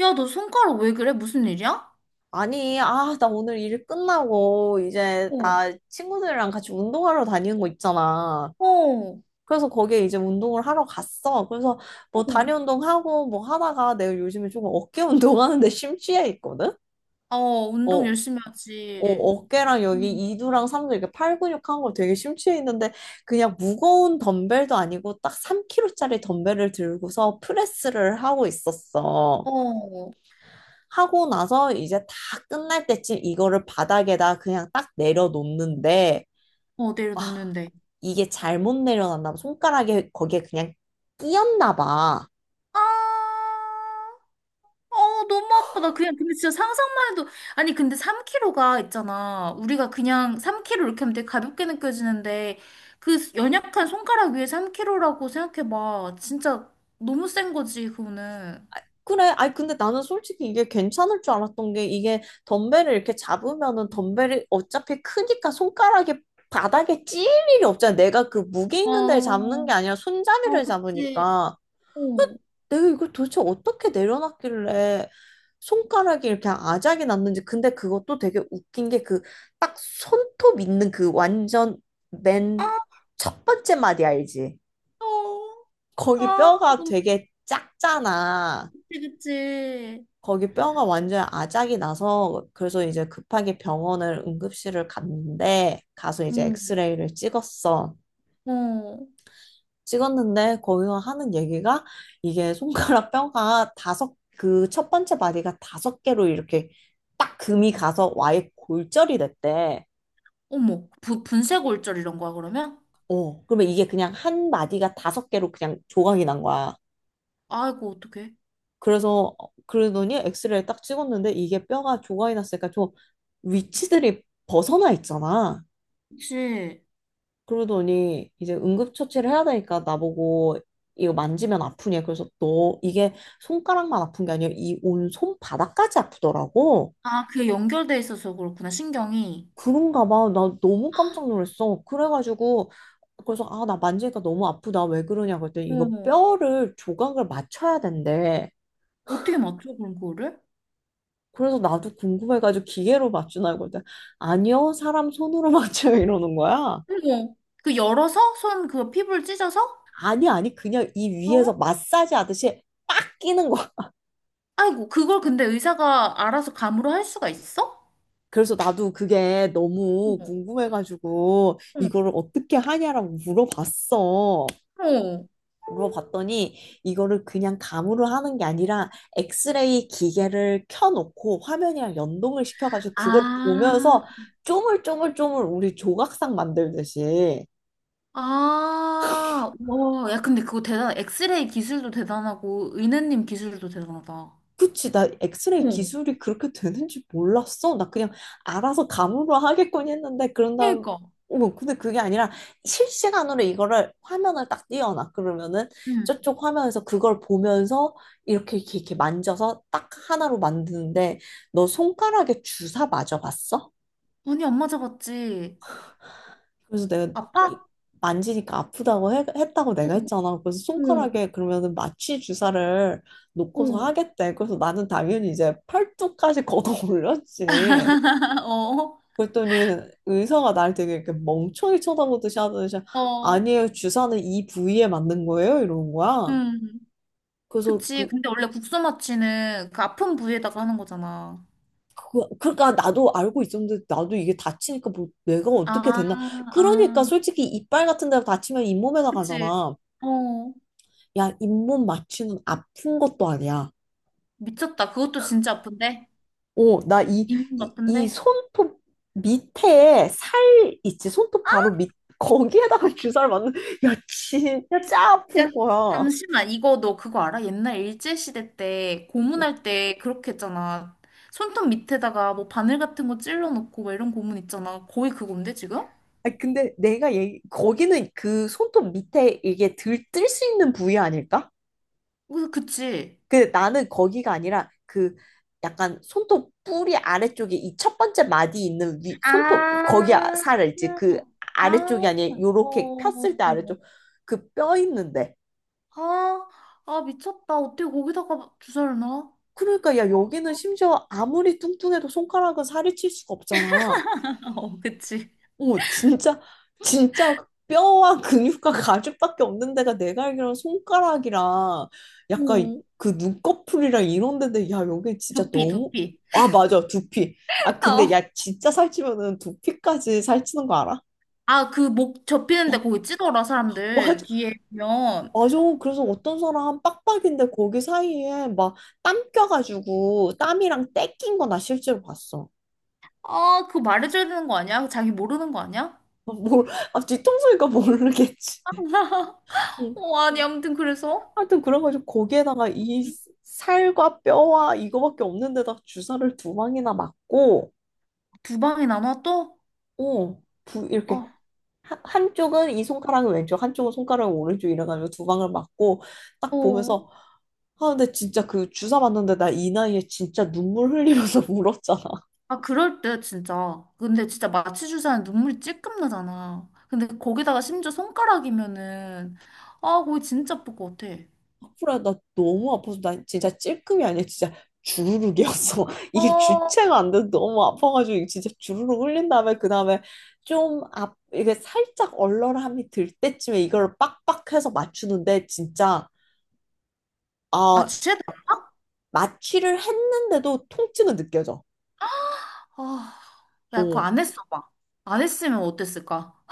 야, 너 손가락 왜 그래? 무슨 일이야? 아니, 아, 나 오늘 일 끝나고 이제 어, 나 친구들이랑 같이 운동하러 다니는 거 있잖아. 어, 그래서 거기에 이제 운동을 하러 갔어. 그래서 어, 뭐 다리 운동하고 뭐 하다가 내가 요즘에 조금 어깨 운동하는데 심취해 있거든? 어, 운동 어. 열심히 어, 하지. 어깨랑 여기 응. 이두랑 삼두 이렇게 팔 근육 한거 되게 심취해 있는데 그냥 무거운 덤벨도 아니고 딱 3kg짜리 덤벨을 들고서 프레스를 하고 있었어. 어, 하고 나서 이제 다 끝날 때쯤 이거를 바닥에다 그냥 딱 내려놓는데 어, 내려놓는데. 이게 잘못 내려놨나 봐. 손가락에 거기에 그냥 끼었나 봐. 아, 어, 너무 아파. 나 그냥, 근데 진짜 상상만 해도, 아니, 근데 3kg가 있잖아. 우리가 그냥 3kg 이렇게 하면 되게 가볍게 느껴지는데, 그 연약한 손가락 위에 3kg라고 생각해봐. 진짜 너무 센 거지, 그거는. 그래. 아니 근데 나는 솔직히 이게 괜찮을 줄 알았던 게 이게 덤벨을 이렇게 잡으면은 덤벨이 어차피 크니까 손가락에 바닥에 찔 일이 없잖아. 내가 그 무게 있는 데를 어, 잡는 게 아니라 어, 손잡이를 그치. 잡으니까. 어. 내가 이걸 도대체 어떻게 내려놨길래 손가락이 이렇게 아작이 났는지. 근데 그것도 되게 웃긴 게 그 딱 손톱 있는 그 완전 맨 첫 번째 마디 알지? 어, 거기 아, 뼈가 너무 되게 작잖아. 그치, 그치. 거기 뼈가 완전 아작이 나서 그래서 이제 급하게 병원을 응급실을 갔는데 가서 이제 응. 엑스레이를 찍었어. 어, 찍었는데 거기서 하는 얘기가 이게 손가락 뼈가 다섯 그 첫 번째 마디가 다섯 개로 이렇게 딱 금이 가서 와의 골절이 됐대. 어머, 부, 분쇄골절 이런 거야, 그러면? 어, 그러면 이게 그냥 한 마디가 다섯 개로 그냥 조각이 난 거야. 아이고, 어떡해. 그래서 어, 그러더니 엑스레이 딱 찍었는데 이게 뼈가 조각이 났으니까 좀 위치들이 벗어나 있잖아. 그치. 그러더니 이제 응급처치를 해야 되니까 나보고 이거 만지면 아프냐. 그래서 너 이게 손가락만 아픈 게 아니라 이 온 손바닥까지 아프더라고. 아, 그게 연결돼 있어서 그렇구나, 신경이. 그런가 봐. 나 너무 깜짝 놀랐어. 그래가지고 그래서 아, 나 만지니까 너무 아프다. 왜 그러냐 그랬더니 이거 어, 뼈를 조각을 맞춰야 된대. 어떻게 맞춰, 그럼 그거를? 그래서 나도 궁금해가지고 기계로 맞추나 그랬더니 아니요, 사람 손으로 맞춰요 이러는 거야. 어머, 그 열어서? 손, 그 피부를 찢어서? 아니 그냥 이 위에서 어? 마사지 하듯이 빡 끼는 거야. 아이고, 그걸 근데 의사가 알아서 감으로 할 수가 있어? 그래서 나도 그게 너무 어, 궁금해가지고 어. 이거를 어떻게 하냐라고 물어봤어. 어. 물어봤더니 이거를 그냥 감으로 하는 게 아니라 엑스레이 기계를 켜놓고 화면이랑 연동을 시켜가지고 그걸 아. 보면서 쪼물쪼물쪼물 우리 조각상 만들듯이 아, 와, 야, 근데 그거 대단, 엑스레이 기술도 대단하고, 은혜님 기술도 대단하다. 그치, 나 엑스레이 어. 기술이 그렇게 되는지 몰랐어. 나 그냥 알아서 감으로 하겠거니 했는데, 그런 다음, 그러니까. 어머, 근데 그게 아니라 실시간으로 이거를 화면을 딱 띄워놔. 그러면은 응. 저쪽 화면에서 그걸 보면서 이렇게, 이렇게, 이렇게 만져서 딱 하나로 만드는데, 너 손가락에 주사 맞아봤어? 아니, 안 맞아봤지. 그래서 내가 아파? 이- 만지니까 아프다고 했다고 내가 어, 했잖아. 그래서 손가락에 그러면은 마취 주사를 놓고서 어, 하겠대. 그래서 나는 당연히 이제 팔뚝까지 걷어 올렸지. 어. 그랬더니 의사가 날 되게 이렇게 멍청이 쳐다보듯이 하더니 어, 어. 아니에요. 주사는 이 부위에 맞는 거예요. 이러는 거야. 응. 그래서 그치. 근데 원래 국소 마취는 그 아픈 부위에다가 하는 거잖아. 그러니까 나도 알고 있었는데 나도 이게 다치니까 뭐 내가 어떻게 아, 됐나. 그러니까 아, 솔직히 이빨 같은 데 다치면 잇몸에다 그치. 가잖아. 어, 야, 잇몸 맞추는 아픈 것도 아니야. 미쳤다. 그것도 진짜 아픈데? 오, 나 이, 인분 이, 이 아픈데? 손톱 밑에 살 있지? 손톱 바로 밑, 거기에다가 주사를 맞는, 야, 야, 진짜 야, 아픈 거야. 잠시만. 이거 너 그거 알아? 옛날 일제시대 때 고문할 때 그렇게 했잖아. 손톱 밑에다가 뭐 바늘 같은 거 찔러 놓고 막 이런 고문 있잖아. 거의 그건데 지금? 아, 근데 내가 얘기, 거기는 그 손톱 밑에 이게 들, 뜰 수 있는 부위 아닐까? 그래서 그치? 근데 나는 거기가 아니라 그 약간 손톱 뿌리 아래쪽에 이 첫 번째 마디 있는 위 손톱 거기 아, 살 있지 그 아, 아래쪽이 아니라 어, 요렇게 폈을 때 어. 아래쪽 그 뼈 있는데. 아, 아 미쳤다. 어떻게 거기다가 주사를 놔? 그러니까 야 여기는 심지어 아무리 뚱뚱해도 손가락은 살이 칠 수가 없잖아. 어, 그치. 어, 진짜, 진짜 뼈와 근육과 가죽밖에 없는 데가 내가 알기로는 손가락이랑 약간 오, 그 눈꺼풀이랑 이런 데인데, 야, 여기 진짜 두피, 너무, 두피. 아, 맞아, 두피. 아, 어. 근데 야, 진짜 살찌면은 두피까지 살찌는 거 알아? 아, 그 목 접히는데 어, 거기 찌더라, 맞아, 사람들. 뒤에 보면. 맞아. 그래서 어떤 사람 빡빡인데 거기 사이에 막 땀 껴가지고 땀이랑 때 낀 거나 실제로 봤어. 아, 그거 말해줘야 되는 거 아니야? 자기 모르는 거 아니야? 뭘, 아, 뒤통수니까 모르겠지. 어, 어, 아니, 아무튼 그래서 하여튼 그래가지고 거기에다가 이 살과 뼈와 이거밖에 없는데다 주사를 두 방이나 맞고, 두 방에 나눠 또? 이렇게 어, 한쪽은 이 손가락은 왼쪽, 한쪽은 손가락은 오른쪽 이래가지고 두 방을 맞고 딱 어, 보면서 아 근데 진짜 그 주사 맞는데 나 이 나이에 진짜 눈물 흘리면서 울었잖아. 아, 그럴 때 진짜. 근데 진짜 마취 주사는 눈물이 찔끔 나잖아. 근데 거기다가 심지어 손가락이면은 아, 거기 진짜 아플 것 같아. 프라 나 너무 아파서 나 진짜 찔끔이 아니라 진짜 주르륵이었어. 이게 어, 주체가 안 돼서 너무 아파가지고 이게 진짜 주르륵 흘린 다음에 그 다음에 좀 앞, 이게 살짝 얼얼함이 들 때쯤에 이걸 빡빡해서 맞추는데 진짜 아 마취해야 돼. 마취를 했는데도 통증은 느껴져. 아, 야, 그거 어. 안 했어 봐. 안 했으면 어땠을까?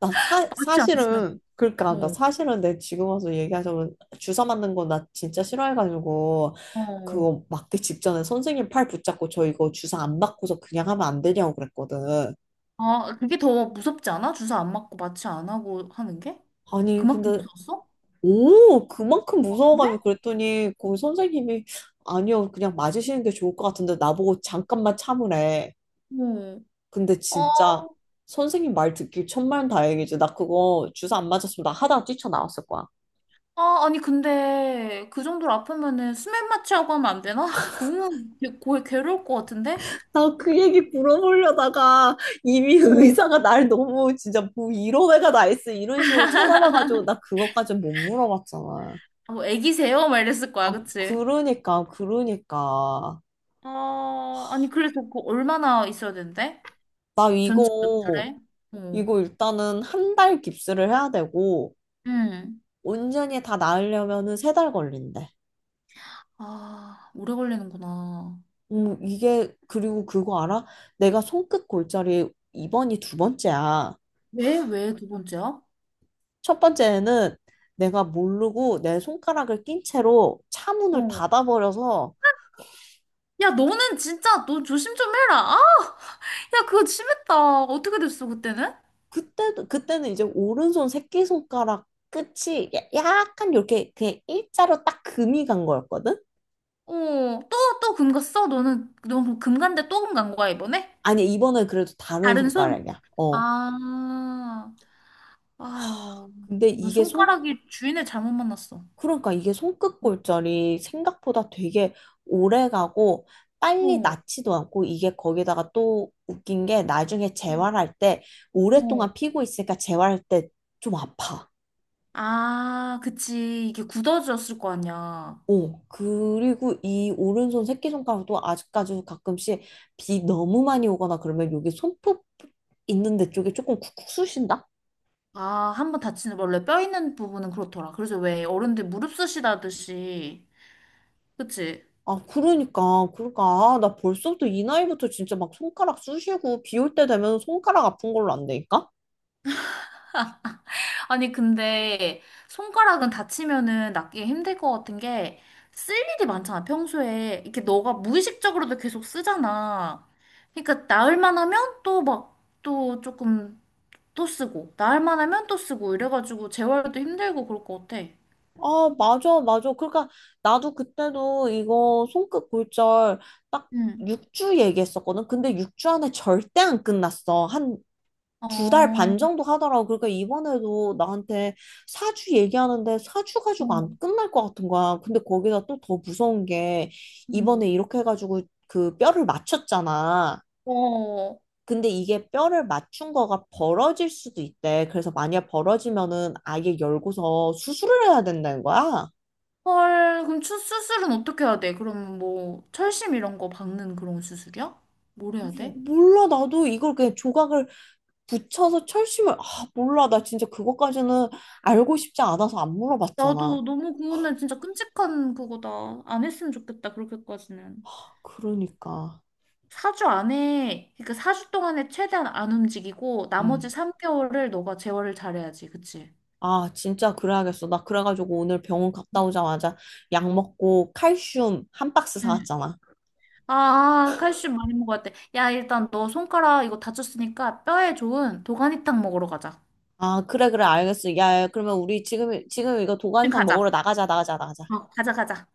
나 마취 안 했으면. 사실은 그러니까 나 어, 사실은 내 지금 와서 얘기하자면 주사 맞는 거 나 진짜 싫어해가지고 어. 그거 맞기 직전에 선생님 팔 붙잡고 저 이거 주사 안 맞고서 그냥 하면 안 되냐고 그랬거든. 아, 그게 더 무섭지 않아? 주사 안 맞고 마취 안 하고 하는 게? 아니 그만큼 근데 무서웠어? 오 그만큼 아, 그래? 무서워가지고 그랬더니 그 선생님이 아니요 그냥 맞으시는 게 좋을 것 같은데 나보고 잠깐만 참으래. 어. 근데 아, 진짜 선생님 말 듣기 천만다행이지. 나 그거 주사 안 맞았으면 나 하다가 뛰쳐나왔을 거야. 아, 아니, 근데 그 정도로 아프면은 수면 마취하고 하면 안 되나? 너무 괴로울 것 같은데? 나 그 얘기 물어보려다가 이미 어. 의사가 날 너무 진짜 뭐 이런 애가 나 있어 이런 식으로 쳐다봐가지고 나 그것까지 못 물어봤잖아. 아, 뭐 애기세요? 막 이랬을 거야, 아 그치? 그러니까 아, 아니, 그래서 그거 얼마나 있어야 된대? 나 전체 몇 이거 주래? 어. 이거 일단은 1달 깁스를 해야 되고 응. 온전히 다 나으려면은 3달 걸린대. 아, 오래 걸리는구나. 이게 그리고 그거 알아? 내가 손끝 골절이 이번이 두 번째야. 왜, 왜 두 번째야? 첫 번째는 내가 모르고 내 손가락을 낀 채로 차문을 어. 닫아버려서 야, 너는 진짜 너 조심 좀 해라. 아, 야, 그거 심했다. 어떻게 됐어, 그때는? 그때도 그때는 이제 오른손 새끼손가락 끝이 약간 이렇게 그냥 일자로 딱 금이 간 거였거든? 어, 또, 또 금 갔어? 너는, 너금 간데 또 금 간 거야, 이번에? 아니 이번엔 그래도 다른 다른 손? 손가락이야. 어. 아, 아유, 근데 너 이게 손 손가락이 주인을 잘못 만났어. 그러니까 이게 손끝 골절이 생각보다 되게 오래 가고 빨리 어, 낫지도 않고 이게 거기다가 또 웃긴 게 나중에 어. 재활할 때 어. 오랫동안 피고 있으니까 재활할 때 좀 아파. 아, 그치. 이게 굳어졌을 거 아니야. 어, 그리고 이 오른손 새끼손가락도 아직까지 가끔씩 비 너무 많이 오거나 그러면 여기 손톱 있는 데 쪽에 조금 쿡쿡 쑤신다? 아, 한 번 다치는, 원래 뼈 있는 부분은 그렇더라. 그래서 왜 어른들 무릎 쓰시다듯이. 그치? 아, 그러니까. 아, 나 벌써부터 이 나이부터 진짜 막 손가락 쑤시고 비 올 때 되면 손가락 아픈 걸로 안 되니까? 아니, 근데 손가락은 다치면은 낫기 힘들 것 같은 게 쓸 일이 많잖아, 평소에. 이렇게 너가 무의식적으로도 계속 쓰잖아. 그러니까 나을 만하면 또 막, 또 조금 또 쓰고, 나을 만하면 또 쓰고, 이래가지고 재활도 힘들고 그럴 것 같아. 아, 맞아, 맞아. 그러니까 나도 그때도 이거 손끝 골절 딱 응. 6주 얘기했었거든. 근데 6주 안에 절대 안 끝났어. 한 어, 두 달 어, 반 정도 하더라고. 그러니까 이번에도 나한테 사주 얘기하는데 사주 가지고 안 끝날 것 같은 거야. 근데 거기다 또 더 무서운 게 이번에 음. 이렇게 해가지고 그 뼈를 맞췄잖아. 어, 근데 이게 뼈를 맞춘 거가 벌어질 수도 있대. 그래서 만약 벌어지면은 아예 열고서 수술을 해야 된다는 거야. 헐, 그럼 수술은 어떻게 해야 돼? 그럼 뭐, 철심 이런 거 박는 그런 수술이야? 뭘 해야 뭐- 돼? 몰라, 나도 이걸 그냥 조각을 붙여서 철심을, 아, 몰라. 나 진짜 그것까지는 알고 싶지 않아서 안 물어봤잖아. 나도 너무 그거는 진짜 끔찍한 그거다. 안 했으면 좋겠다, 그렇게까지는. 그러니까. 4주 안에, 그러니까 4주 동안에 최대한 안 움직이고, 나머지 음. 3개월을 너가 제어를 잘해야지, 그치? 아, 진짜 그래야겠어. 나 그래가지고 오늘 병원 갔다 오자마자 약 먹고 칼슘 한 박스 응. 사왔잖아. 아, 칼슘 많이 먹어야 돼. 야, 일단 너 손가락 이거 다쳤으니까 뼈에 좋은 도가니탕 먹으러 가자. 아, 그래, 그래, 알겠어. 야, 야, 그러면 우리 지금 이거 지금 도가니탕 가자. 먹으러 나가자. 어, 가자, 가자.